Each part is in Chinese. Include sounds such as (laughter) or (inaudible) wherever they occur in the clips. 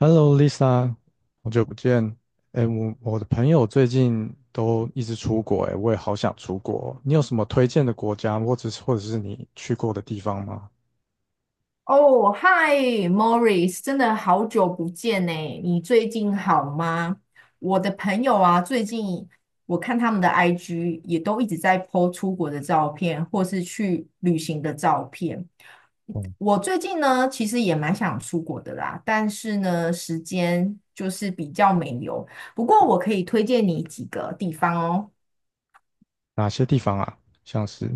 Hello Lisa，好久不见。哎，我的朋友最近都一直出国，哎，我也好想出国。你有什么推荐的国家，或者是你去过的地方吗？哦，嗨，Morris，真的好久不见呢，你最近好吗？我的朋友啊，最近我看他们的 IG 也都一直在 po 出国的照片，或是去旅行的照片。哦，我最近呢，其实也蛮想出国的啦，但是呢，时间就是比较没有。不过我可以推荐你几个地方哦。哪些地方啊？像是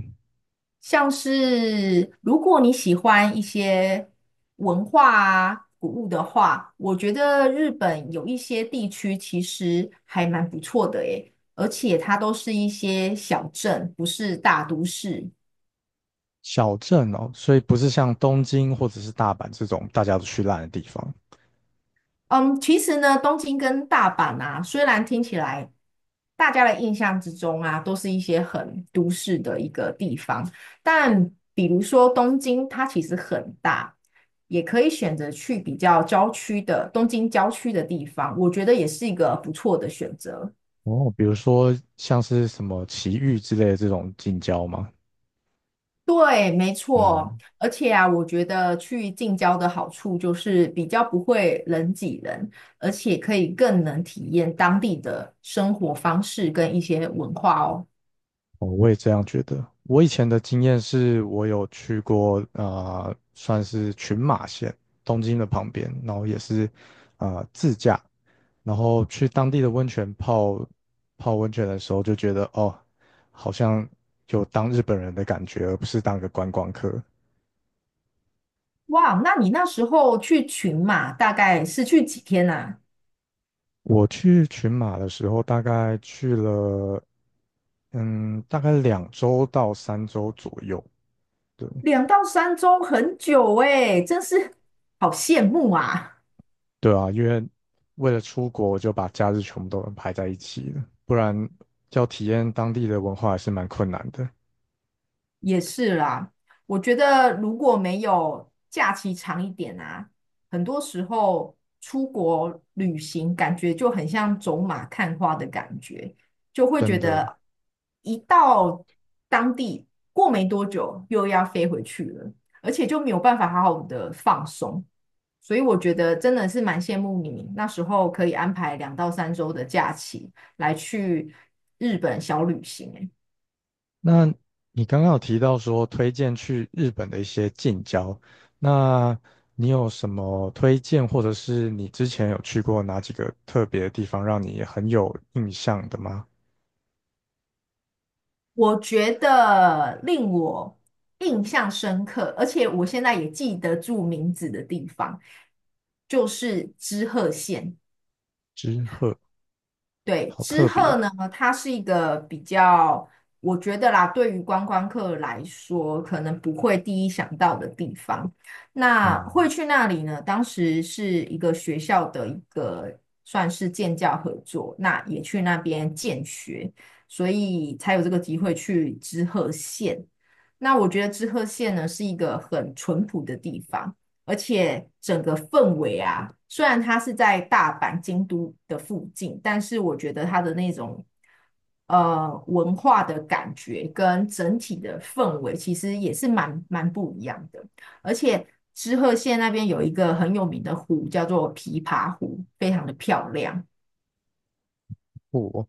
像是如果你喜欢一些文化啊、古物的话，我觉得日本有一些地区其实还蛮不错的诶，而且它都是一些小镇，不是大都市。小镇哦，所以不是像东京或者是大阪这种大家都去烂的地方。嗯，其实呢，东京跟大阪啊，虽然听起来大家的印象之中啊，都是一些很都市的一个地方，但比如说东京，它其实很大，也可以选择去比较郊区的东京郊区的地方，我觉得也是一个不错的选择。哦，比如说像是什么埼玉之类的这种近郊吗？对，没错，嗯，而且啊，我觉得去近郊的好处就是比较不会人挤人，而且可以更能体验当地的生活方式跟一些文化哦。哦，我也这样觉得。我以前的经验是我有去过啊，算是群马县东京的旁边，然后也是啊自驾，然后去当地的温泉泡温泉的时候，就觉得哦，好像有当日本人的感觉，而不是当个观光客。哇，那你那时候去群马大概是去几天啊？我去群马的时候，大概去了嗯，大概2周到3周左右。对。两到三周，很久诶，真是好羡慕啊！对啊，因为为了出国，我就把假日全部都安排在一起了，不然要体验当地的文化还是蛮困难的，也是啦，我觉得如果没有假期长一点啊，很多时候出国旅行感觉就很像走马看花的感觉，就会真觉的。得一到当地过没多久又要飞回去了，而且就没有办法好好的放松。所以我觉得真的是蛮羡慕你那时候可以安排两到三周的假期来去日本小旅行欸。那你刚刚有提到说推荐去日本的一些近郊，那你有什么推荐，或者是你之前有去过哪几个特别的地方，让你很有印象的吗？我觉得令我印象深刻，而且我现在也记得住名字的地方，就是知鹤县。知鹤，对，好知特鹤别，呢，它是一个比较，我觉得啦，对于观光客来说，可能不会第一想到的地方。那会嗯。去那里呢？当时是一个学校的一个算是建教合作，那也去那边建学，所以才有这个机会去知鹤县。那我觉得知鹤县呢是一个很淳朴的地方。而且整个氛围啊，虽然它是在大阪、京都的附近，但是我觉得它的那种文化的感觉跟整体的氛围，其实也是蛮不一样的。而且知鹤县那边有一个很有名的湖，叫做琵琶湖，非常的漂亮。不。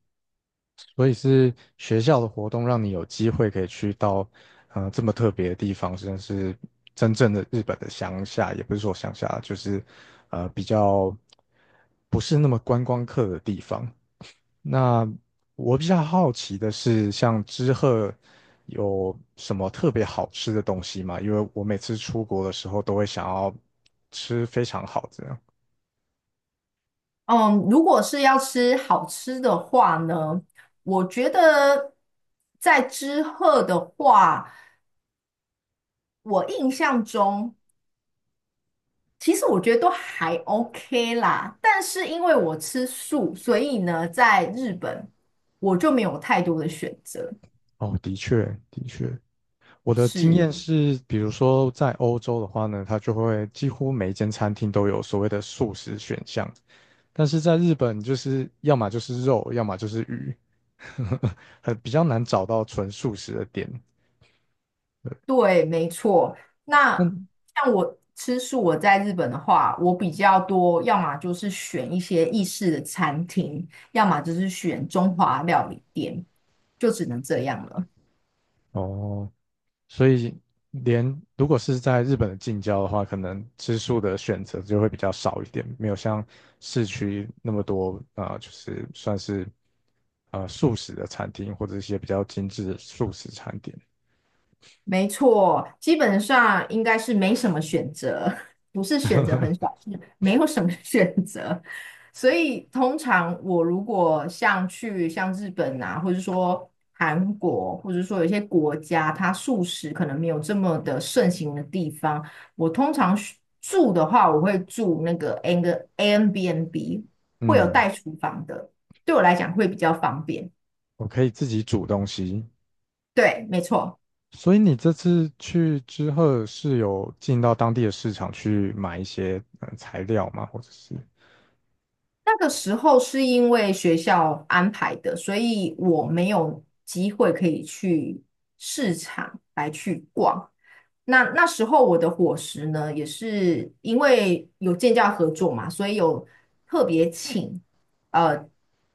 所以是学校的活动让你有机会可以去到，这么特别的地方，甚至是真正的日本的乡下，也不是说乡下，就是，比较不是那么观光客的地方。那我比较好奇的是，像知鹤有什么特别好吃的东西吗？因为我每次出国的时候都会想要吃非常好的。嗯，如果是要吃好吃的话呢，我觉得在知鹤的话，我印象中其实我觉得都还 OK 啦，但是因为我吃素，所以呢，在日本我就没有太多的选择。哦，的确，的确。我的经是，验是，比如说在欧洲的话呢，它就会几乎每一间餐厅都有所谓的素食选项，但是在日本就是要么就是肉，要么就是鱼，(laughs) 很比较难找到纯素食的店。对，没错。那那像我吃素，我在日本的话，我比较多，要么就是选一些意式的餐厅，要么就是选中华料理店，就只能这样了。哦，所以连如果是在日本的近郊的话，可能吃素的选择就会比较少一点，没有像市区那么多啊、就是算是啊素食的餐厅或者一些比较精致的素食餐点。没错，基本上应该是没什么选择，(laughs) 不是选择很少，是没有什么 (laughs) 选择。所以通常我如果像去像日本啊，或者说韩国，或者说有些国家，它素食可能没有这么的盛行的地方，我通常是住的话，我会住那个 ANBNB 会有嗯，带厨房的，对我来讲会比较方便。我可以自己煮东西。对，没错。所以你这次去之后是有进到当地的市场去买一些材料吗？或者是那个时候是因为学校安排的，所以我没有机会可以去市场来去逛。那时候我的伙食呢，也是因为有建教合作嘛，所以有特别请呃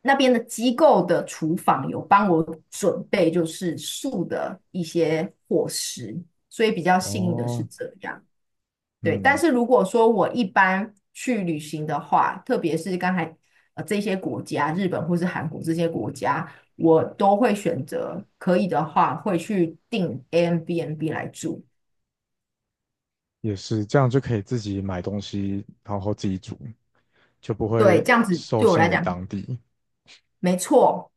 那边的机构的厨房有帮我准备就是素的一些伙食，所以比较幸运的是哦，这样。对，但嗯，是如果说我一般去旅行的话，特别是刚才这些国家，日本或是韩国这些国家，我都会选择可以的话会去订 AIBNB 来住。也是这样就可以自己买东西，然后自己煮，就不对，会这样子受对我来限于讲，当地。没错。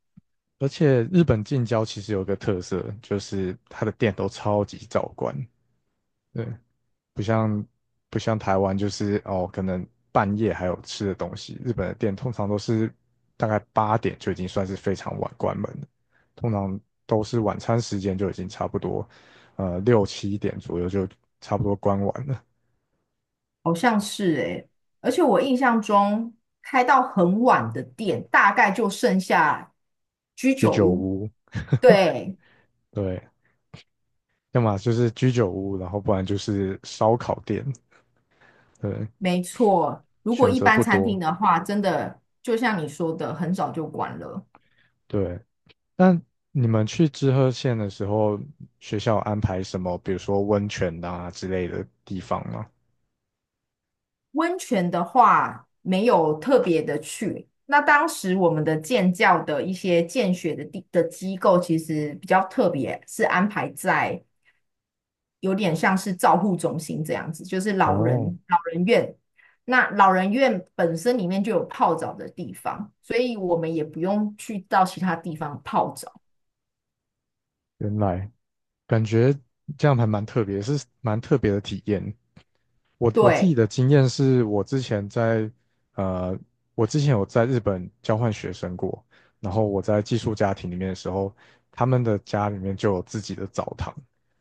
而且日本近郊其实有个特色，就是它的店都超级早关。对，不像不像台湾，就是哦，可能半夜还有吃的东西。日本的店通常都是大概8点就已经算是非常晚关门了，通常都是晚餐时间就已经差不多，6、7点左右就差不多关完了。好像是诶、而且我印象中开到很晚的店，大概就剩下居酒屋。对，对，要么就是居酒屋，然后不然就是烧烤店。对，没错。如果选一择般不餐厅多。的话，真的就像你说的，很早就关了。对，那你们去知鹤县的时候，学校有安排什么，比如说温泉啊之类的地方吗？温泉的话，没有特别的去。那当时我们的建教的一些建学的地的机构，其实比较特别，是安排在有点像是照护中心这样子，就是老哦，人老人院。那老人院本身里面就有泡澡的地方，所以我们也不用去到其他地方泡澡。原来感觉这样还蛮特别，是蛮特别的体验。我自己对的经验是我之前在呃，我之前有在日本交换学生过，然后我在寄宿家庭里面的时候，他们的家里面就有自己的澡堂，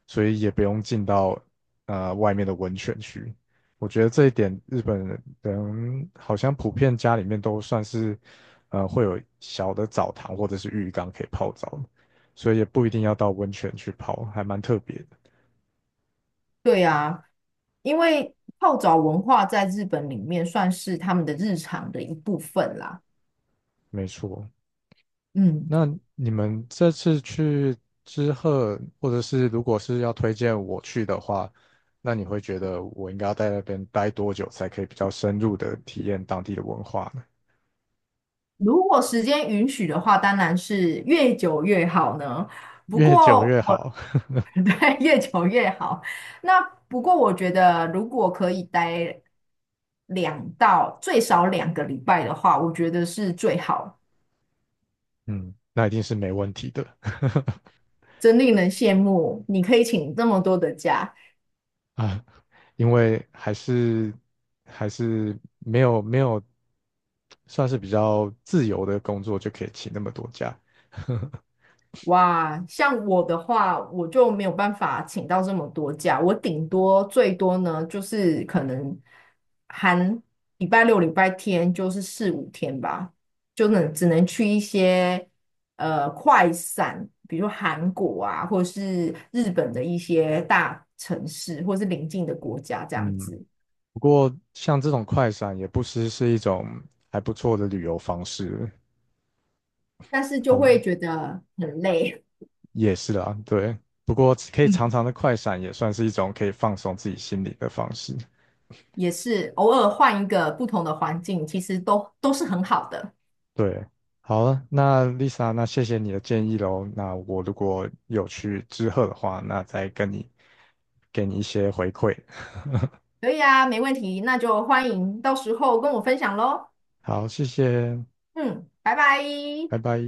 所以也不用进到外面的温泉区。我觉得这一点日本人好像普遍家里面都算是会有小的澡堂或者是浴缸可以泡澡。所以也不一定要到温泉去泡，还蛮特别的。对啊，因为泡澡文化在日本里面算是他们的日常的一部分啦。没错，嗯。那你们这次去之后，或者是如果是要推荐我去的话，那你会觉得我应该要在那边待多久才可以比较深入的体验当地的文化呢？如果时间允许的话，当然是越久越好呢。不越久过越我 好，(laughs) 对越久越好。那不过我觉得，如果可以待两到最少2个礼拜的话，我觉得是最好，(laughs) 嗯，那一定是没问题的 真令人羡慕。你可以请这么多的假。(laughs) 啊，因为还是没有算是比较自由的工作就可以请那么多假，哇，像我的话，我就没有办法请到这么多假，我顶多最多呢，就是可能含礼拜六、礼拜天，就是四五天吧，就能只能去一些快闪，比如韩国啊，或是日本的一些大城市，或是邻近的国家这样嗯，子，不过像这种快闪也不失是一种还不错的旅游方式。但是就好，会觉得很累，也是啊，对。不过可 (laughs) 以嗯，常常的快闪也算是一种可以放松自己心理的方式。也是偶尔换一个不同的环境，其实都是很好的。对，好了，那 Lisa，那谢谢你的建议喽。那我如果有去之鹤的话，那再跟你给你一些回馈。(laughs) 可以啊，没问题，那就欢迎到时候跟我分享喽。好，谢谢，嗯，拜拜。拜拜。